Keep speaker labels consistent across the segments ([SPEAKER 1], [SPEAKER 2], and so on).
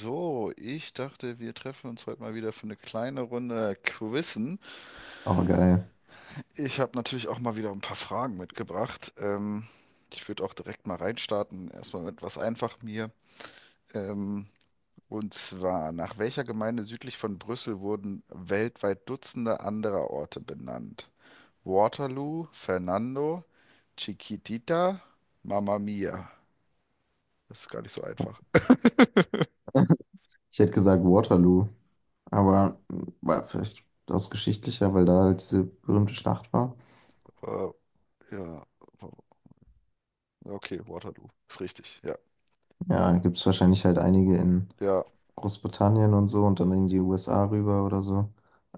[SPEAKER 1] So, ich dachte, wir treffen uns heute mal wieder für eine kleine Runde Quizzen.
[SPEAKER 2] Aber geil.
[SPEAKER 1] Ich habe natürlich auch mal wieder ein paar Fragen mitgebracht. Ich würde auch direkt mal reinstarten. Erstmal mit was einfach mir. Ähm, und zwar, nach welcher Gemeinde südlich von Brüssel wurden weltweit Dutzende anderer Orte benannt? Waterloo, Fernando, Chiquitita, Mamma Mia. Das ist gar nicht so einfach.
[SPEAKER 2] Ich hätte gesagt Waterloo, aber war vielleicht aus geschichtlicher, weil da halt diese berühmte Schlacht war.
[SPEAKER 1] Äh, ja, okay, Waterloo. Ist richtig, ja.
[SPEAKER 2] Ja, gibt es wahrscheinlich halt einige in
[SPEAKER 1] Ja,
[SPEAKER 2] Großbritannien und so und dann in die USA rüber oder so.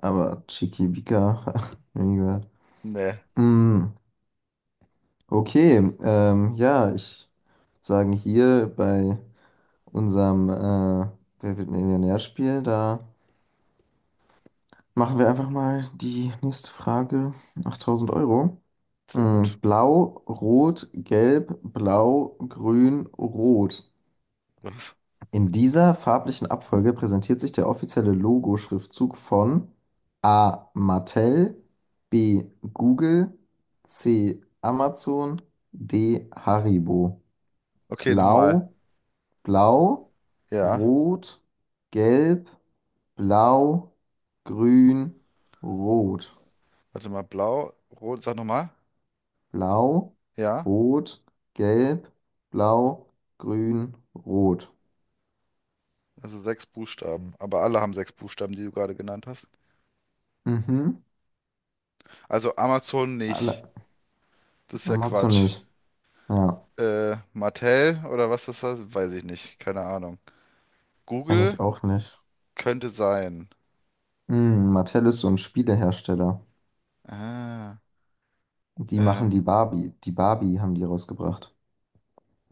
[SPEAKER 2] Aber Chiquibika, nie gehört.
[SPEAKER 1] nee,
[SPEAKER 2] Mm, okay, ja, ich würd sagen hier bei unserem Wer wird Millionär-Spiel, da machen wir einfach mal die nächste Frage, 8000 Euro.
[SPEAKER 1] sehr
[SPEAKER 2] Mm,
[SPEAKER 1] gut.
[SPEAKER 2] blau, rot, gelb, blau, grün, rot.
[SPEAKER 1] Was?
[SPEAKER 2] In dieser farblichen Abfolge präsentiert sich der offizielle Logo-Schriftzug von A. Mattel, B. Google, C. Amazon, D. Haribo.
[SPEAKER 1] Okay, nochmal.
[SPEAKER 2] Blau, Blau,
[SPEAKER 1] Ja,
[SPEAKER 2] rot, gelb, blau, grün, rot.
[SPEAKER 1] warte mal, blau, rot, sag nochmal.
[SPEAKER 2] Blau,
[SPEAKER 1] Ja,
[SPEAKER 2] rot, gelb, blau, grün, rot.
[SPEAKER 1] also sechs Buchstaben. Aber alle haben sechs Buchstaben, die du gerade genannt hast.
[SPEAKER 2] Mhm.
[SPEAKER 1] Also Amazon
[SPEAKER 2] Alle.
[SPEAKER 1] nicht. Das ist ja
[SPEAKER 2] Matzo
[SPEAKER 1] Quatsch.
[SPEAKER 2] nicht. Ja,
[SPEAKER 1] Mattel oder was das war, weiß ich nicht. Keine Ahnung.
[SPEAKER 2] kenne ich
[SPEAKER 1] Google
[SPEAKER 2] auch nicht.
[SPEAKER 1] könnte sein.
[SPEAKER 2] Hm, Mattel ist so ein Spielehersteller.
[SPEAKER 1] Ah,
[SPEAKER 2] Die machen die
[SPEAKER 1] ähm,
[SPEAKER 2] Barbie. Die Barbie haben die rausgebracht.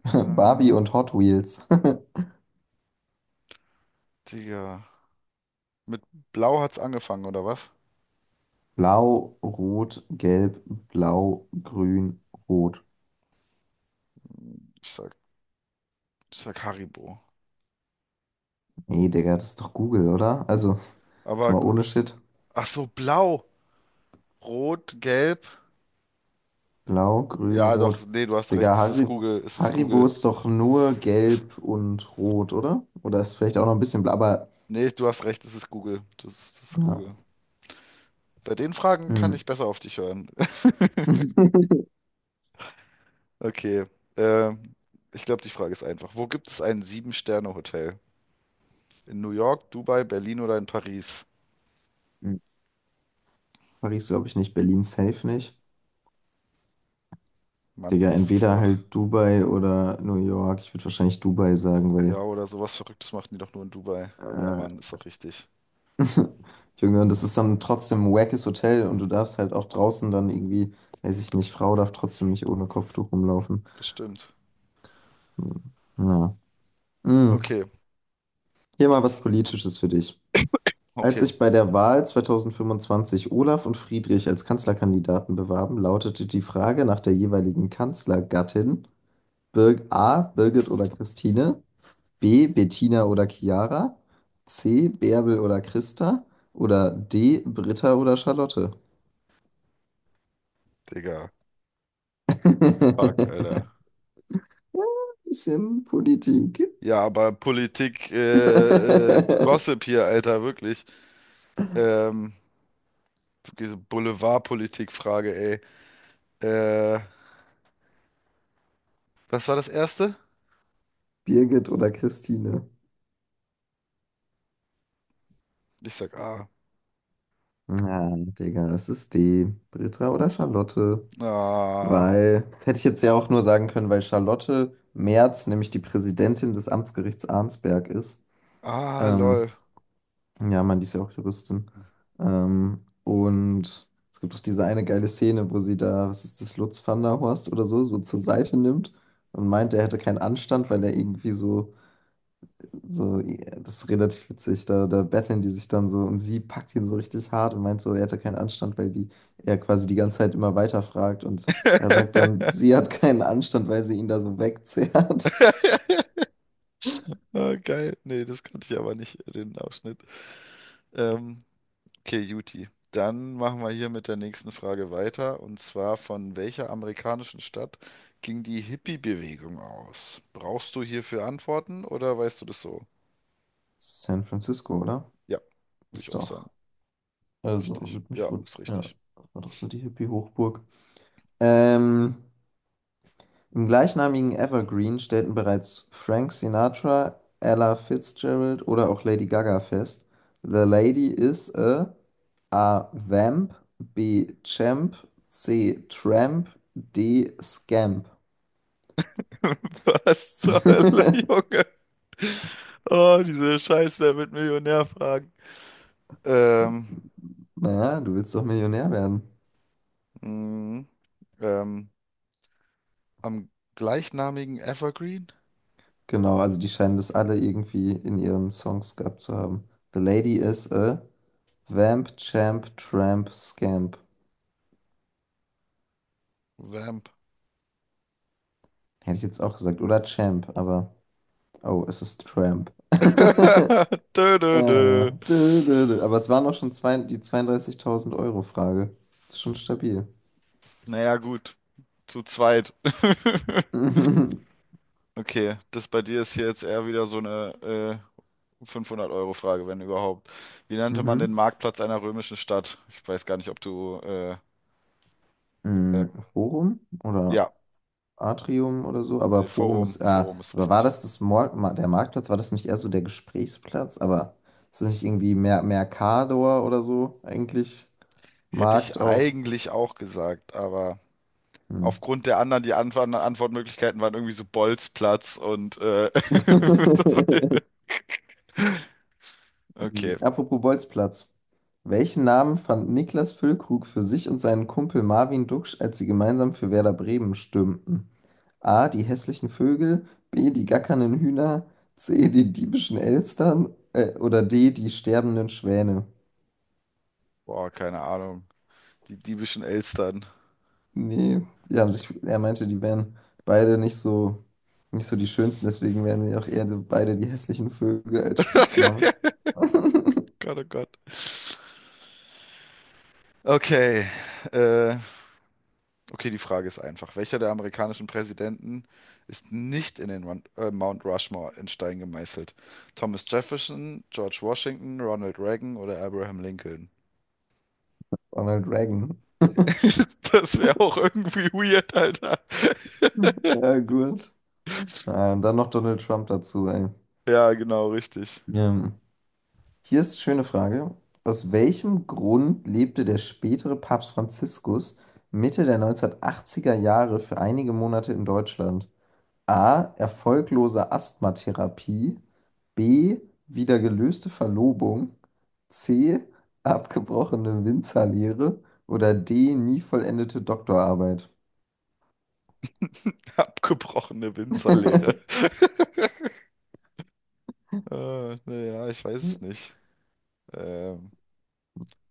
[SPEAKER 2] Barbie
[SPEAKER 1] ah,
[SPEAKER 2] und Hot Wheels.
[SPEAKER 1] Digga. Mit blau hat's angefangen, oder was?
[SPEAKER 2] Blau, rot, gelb, blau, grün, rot.
[SPEAKER 1] Ich sag, Ich sag Haribo.
[SPEAKER 2] Nee, Digga, das ist doch Google, oder? Also, jetzt
[SPEAKER 1] Aber,
[SPEAKER 2] mal ohne Shit.
[SPEAKER 1] ach so, blau, rot, gelb.
[SPEAKER 2] Blau, grün,
[SPEAKER 1] Ja,
[SPEAKER 2] rot.
[SPEAKER 1] doch, nee, du hast recht,
[SPEAKER 2] Digga,
[SPEAKER 1] es ist
[SPEAKER 2] Harry,
[SPEAKER 1] Google, es ist
[SPEAKER 2] Haribo
[SPEAKER 1] Google.
[SPEAKER 2] ist doch nur
[SPEAKER 1] Es,
[SPEAKER 2] gelb und rot, oder? Oder ist vielleicht auch noch ein bisschen blau, aber
[SPEAKER 1] Nee, du hast recht, es ist Google. Das ist
[SPEAKER 2] ja.
[SPEAKER 1] Google. Bei den Fragen kann
[SPEAKER 2] Hm.
[SPEAKER 1] ich besser auf dich hören. Okay, ähm, ich glaube, die Frage ist einfach. Wo gibt es ein Sieben-Sterne-Hotel? In New York, Dubai, Berlin oder in Paris?
[SPEAKER 2] Hm. Paris glaube ich nicht, Berlin safe nicht.
[SPEAKER 1] Mann,
[SPEAKER 2] Digga,
[SPEAKER 1] das ist
[SPEAKER 2] entweder
[SPEAKER 1] doch.
[SPEAKER 2] halt Dubai oder New York. Ich würde wahrscheinlich Dubai sagen,
[SPEAKER 1] Ja,
[SPEAKER 2] weil
[SPEAKER 1] oder sowas Verrücktes machen die doch nur in Dubai. Ja, Mann,
[SPEAKER 2] äh,
[SPEAKER 1] ist doch richtig.
[SPEAKER 2] Junge, und das ist dann trotzdem ein wackes Hotel und du darfst halt auch draußen dann irgendwie, weiß ich nicht, Frau darf trotzdem nicht ohne Kopftuch rumlaufen.
[SPEAKER 1] Bestimmt.
[SPEAKER 2] Hm. Ja. Hm.
[SPEAKER 1] Okay,
[SPEAKER 2] Hier mal was Politisches für dich. Als
[SPEAKER 1] okay.
[SPEAKER 2] sich bei der Wahl 2025 Olaf und Friedrich als Kanzlerkandidaten bewarben, lautete die Frage nach der jeweiligen Kanzlergattin Bir A. Birgit oder Christine, B. Bettina oder Chiara, C. Bärbel oder Christa oder D. Britta oder Charlotte.
[SPEAKER 1] Digga. Fuck, Alter.
[SPEAKER 2] Bisschen Politik.
[SPEAKER 1] Ja, aber Politik, Gossip hier, Alter, wirklich. Ähm, diese Boulevardpolitik-Frage, ey. Äh, Was war das erste?
[SPEAKER 2] Birgit oder Christine?
[SPEAKER 1] Ich sag A.
[SPEAKER 2] Na, Digga, es ist D. Britta oder Charlotte?
[SPEAKER 1] Ah.
[SPEAKER 2] Weil, hätte ich jetzt ja auch nur sagen können, weil Charlotte Merz nämlich die Präsidentin des Amtsgerichts Arnsberg ist.
[SPEAKER 1] Ah,
[SPEAKER 2] Ähm,
[SPEAKER 1] lol.
[SPEAKER 2] ja, man, die ist ja auch Juristin. Und es gibt doch diese eine geile Szene, wo sie da, was ist das, Lutz van der Horst oder so, so zur Seite nimmt und meint, er hätte keinen Anstand, weil er irgendwie so, ja, das ist relativ witzig. Da, da betteln die sich dann so und sie packt ihn so richtig hart und meint so, er hätte keinen Anstand, weil die er quasi die ganze Zeit immer weiterfragt und er sagt dann, sie hat keinen Anstand, weil sie ihn da so wegzerrt.
[SPEAKER 1] Ah, geil. Nee, das kannte ich aber nicht, den Ausschnitt. Ähm, okay, Juti. Dann machen wir hier mit der nächsten Frage weiter. Und zwar, von welcher amerikanischen Stadt ging die Hippie-Bewegung aus? Brauchst du hierfür Antworten oder weißt du das so?
[SPEAKER 2] San Francisco, oder?
[SPEAKER 1] Ja, würde ich
[SPEAKER 2] Ist
[SPEAKER 1] auch
[SPEAKER 2] doch.
[SPEAKER 1] sagen.
[SPEAKER 2] Also,
[SPEAKER 1] Richtig.
[SPEAKER 2] würde mich
[SPEAKER 1] Ja,
[SPEAKER 2] wohl.
[SPEAKER 1] ist
[SPEAKER 2] Ja,
[SPEAKER 1] richtig.
[SPEAKER 2] das war doch so die Hippie-Hochburg. Ähm, im gleichnamigen Evergreen stellten bereits Frank Sinatra, Ella Fitzgerald oder auch Lady Gaga fest. The lady is a. A. Vamp. B. Champ. C. Tramp. D. Scamp.
[SPEAKER 1] Was zur Hölle, Junge? Oh, diese Scheiß, wer wird Millionär fragen? Ähm,
[SPEAKER 2] Naja, du willst doch Millionär werden.
[SPEAKER 1] mh, ähm, am gleichnamigen Evergreen?
[SPEAKER 2] Genau, also die scheinen das alle irgendwie in ihren Songs gehabt zu haben. The lady is a Vamp, Champ, Tramp, Scamp.
[SPEAKER 1] Vamp.
[SPEAKER 2] Hätte ich jetzt auch gesagt. Oder Champ, aber. Oh, es ist Tramp.
[SPEAKER 1] Dö, dö, dö.
[SPEAKER 2] Dö, dö, dö. Aber es waren auch schon zwei, die 32000 Euro Frage. Ist schon stabil.
[SPEAKER 1] Naja, gut, zu zweit.
[SPEAKER 2] Mhm.
[SPEAKER 1] Okay, das bei dir ist hier jetzt eher wieder so eine 500-Euro-Frage, wenn überhaupt. Wie nannte man den Marktplatz einer römischen Stadt? Ich weiß gar nicht, ob du. Äh,
[SPEAKER 2] Hm, Forum oder
[SPEAKER 1] ja,
[SPEAKER 2] Atrium oder so, aber
[SPEAKER 1] nee,
[SPEAKER 2] Forum ist,
[SPEAKER 1] Forum ist
[SPEAKER 2] aber war
[SPEAKER 1] richtig.
[SPEAKER 2] das das der Marktplatz? War das nicht eher so der Gesprächsplatz? Aber ist das nicht irgendwie Mercador oder so eigentlich?
[SPEAKER 1] Hätte ich
[SPEAKER 2] Markt auf.
[SPEAKER 1] eigentlich auch gesagt, aber
[SPEAKER 2] Hm.
[SPEAKER 1] aufgrund der anderen, die Antwortmöglichkeiten waren irgendwie so Bolzplatz und
[SPEAKER 2] Mhm.
[SPEAKER 1] okay,
[SPEAKER 2] Apropos Bolzplatz. Welchen Namen fand Niklas Füllkrug für sich und seinen Kumpel Marvin Duksch, als sie gemeinsam für Werder Bremen stürmten? A. Die hässlichen Vögel, B. Die gackernden Hühner, C. Die diebischen Elstern oder D. Die sterbenden Schwäne?
[SPEAKER 1] boah, keine Ahnung. Die diebischen Elstern.
[SPEAKER 2] Nee, die haben sich, er meinte, die wären beide nicht so, nicht so die schönsten, deswegen wären wir auch eher so beide die hässlichen Vögel als Spitzname.
[SPEAKER 1] Gott, oh Gott. Okay, äh, okay, die Frage ist einfach. Welcher der amerikanischen Präsidenten ist nicht in den Mount Rushmore in Stein gemeißelt? Thomas Jefferson, George Washington, Ronald Reagan oder Abraham Lincoln?
[SPEAKER 2] Ronald Reagan.
[SPEAKER 1] Das wäre auch irgendwie weird, Alter.
[SPEAKER 2] Ja, gut. Ah, und dann noch Donald Trump dazu, ey.
[SPEAKER 1] Ja, genau, richtig.
[SPEAKER 2] Ähm, hier ist eine schöne Frage. Aus welchem Grund lebte der spätere Papst Franziskus Mitte der 1980er Jahre für einige Monate in Deutschland? A. Erfolglose Asthmatherapie. B. Wieder gelöste Verlobung. C. Abgebrochene Winzerlehre. Oder D. Nie vollendete Doktorarbeit.
[SPEAKER 1] Abgebrochene Winzerlehre. Naja, ich weiß es nicht. Ähm,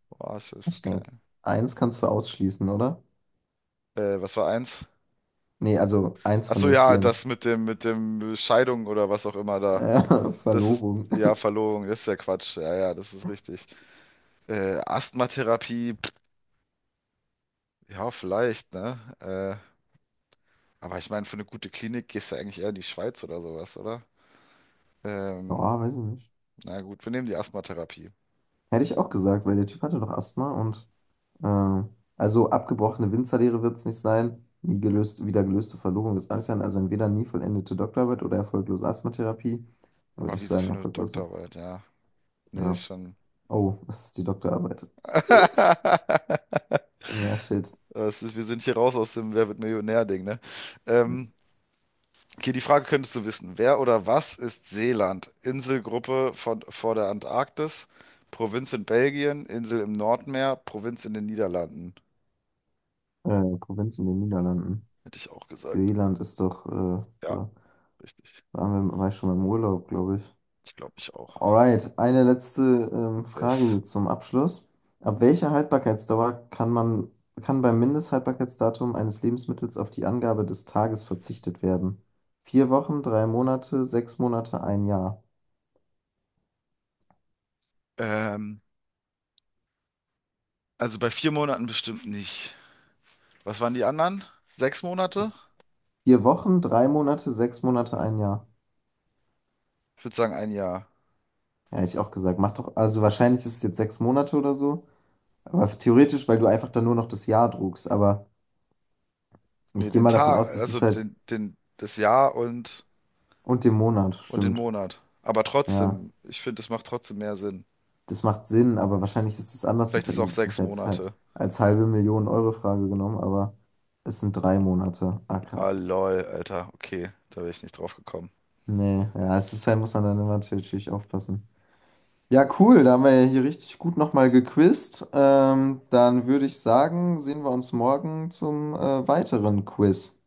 [SPEAKER 1] boah, ich weiß
[SPEAKER 2] Ich denke,
[SPEAKER 1] kein.
[SPEAKER 2] eins kannst du ausschließen, oder?
[SPEAKER 1] Was war eins?
[SPEAKER 2] Nee, also eins
[SPEAKER 1] Ach
[SPEAKER 2] von
[SPEAKER 1] so,
[SPEAKER 2] den
[SPEAKER 1] ja,
[SPEAKER 2] vieren.
[SPEAKER 1] das mit dem Scheidung oder was auch immer da. Das ist,
[SPEAKER 2] Verlobung.
[SPEAKER 1] ja, Verlobung, das ist ja Quatsch. Ja, ja, das ist richtig. Asthmatherapie, pff, ja, vielleicht, ne? Aber ich meine, für eine gute Klinik gehst du eigentlich eher in die Schweiz oder sowas, oder? Ähm,
[SPEAKER 2] Ja, weiß ich nicht.
[SPEAKER 1] Na gut, wir nehmen die Asthmatherapie.
[SPEAKER 2] Hätte ich auch gesagt, weil der Typ hatte doch Asthma und äh, also abgebrochene Winzerlehre wird es nicht sein, nie gelöst, wieder gelöste Verlobung wird es auch nicht sein, also entweder nie vollendete Doktorarbeit oder erfolglose Asthmatherapie, würde
[SPEAKER 1] Aber
[SPEAKER 2] ich
[SPEAKER 1] wieso
[SPEAKER 2] sagen,
[SPEAKER 1] für eine
[SPEAKER 2] erfolglose.
[SPEAKER 1] Doktorarbeit? Ja, nee, ist
[SPEAKER 2] Ja.
[SPEAKER 1] schon.
[SPEAKER 2] Oh, es ist die Doktorarbeit. Ups. Ja, shit.
[SPEAKER 1] Das ist, wir sind hier raus aus dem Wer wird Millionär-Ding, ne? Ähm, okay, die Frage könntest du wissen. Wer oder was ist Seeland? Inselgruppe von, vor der Antarktis, Provinz in Belgien, Insel im Nordmeer, Provinz in den Niederlanden.
[SPEAKER 2] Provinz in den Niederlanden.
[SPEAKER 1] Hätte ich auch gesagt.
[SPEAKER 2] Seeland ist doch,
[SPEAKER 1] Ja,
[SPEAKER 2] da
[SPEAKER 1] richtig.
[SPEAKER 2] waren wir, war ich schon mal im Urlaub, glaube ich.
[SPEAKER 1] Ich glaube, ich auch.
[SPEAKER 2] Alright, eine letzte Frage
[SPEAKER 1] Yes.
[SPEAKER 2] hier zum Abschluss. Ab welcher Haltbarkeitsdauer kann man, kann beim Mindesthaltbarkeitsdatum eines Lebensmittels auf die Angabe des Tages verzichtet werden? Vier Wochen, drei Monate, 6 Monate, ein Jahr.
[SPEAKER 1] Ähm, also bei vier Monaten bestimmt nicht. Was waren die anderen? Sechs Monate?
[SPEAKER 2] Ist 4 Wochen, 3 Monate, sechs Monate, ein Jahr.
[SPEAKER 1] Ich würde sagen ein Jahr.
[SPEAKER 2] Ja, hätte ich auch gesagt. Macht doch, also wahrscheinlich ist es jetzt 6 Monate oder so. Aber theoretisch, weil du einfach dann nur noch das Jahr druckst. Aber ich
[SPEAKER 1] Nee,
[SPEAKER 2] gehe
[SPEAKER 1] den
[SPEAKER 2] mal davon
[SPEAKER 1] Tag,
[SPEAKER 2] aus, das
[SPEAKER 1] also
[SPEAKER 2] ist halt
[SPEAKER 1] das Jahr
[SPEAKER 2] und den Monat,
[SPEAKER 1] und den
[SPEAKER 2] stimmt.
[SPEAKER 1] Monat. Aber
[SPEAKER 2] Ja.
[SPEAKER 1] trotzdem, ich finde, es macht trotzdem mehr Sinn.
[SPEAKER 2] Das macht Sinn, aber wahrscheinlich ist es anders,
[SPEAKER 1] Vielleicht
[SPEAKER 2] sonst
[SPEAKER 1] ist
[SPEAKER 2] hätten
[SPEAKER 1] auch
[SPEAKER 2] die das nicht
[SPEAKER 1] sechs
[SPEAKER 2] als,
[SPEAKER 1] Monate.
[SPEAKER 2] als halbe Million Euro Frage genommen, aber es sind 3 Monate. Ah,
[SPEAKER 1] Ah,
[SPEAKER 2] krass.
[SPEAKER 1] lol, Alter. Okay, da wäre ich nicht drauf gekommen.
[SPEAKER 2] Nee, ja, es ist halt, muss man dann immer natürlich aufpassen. Ja, cool, da haben wir ja hier richtig gut nochmal gequizt. Dann würde ich sagen, sehen wir uns morgen zum weiteren Quiz.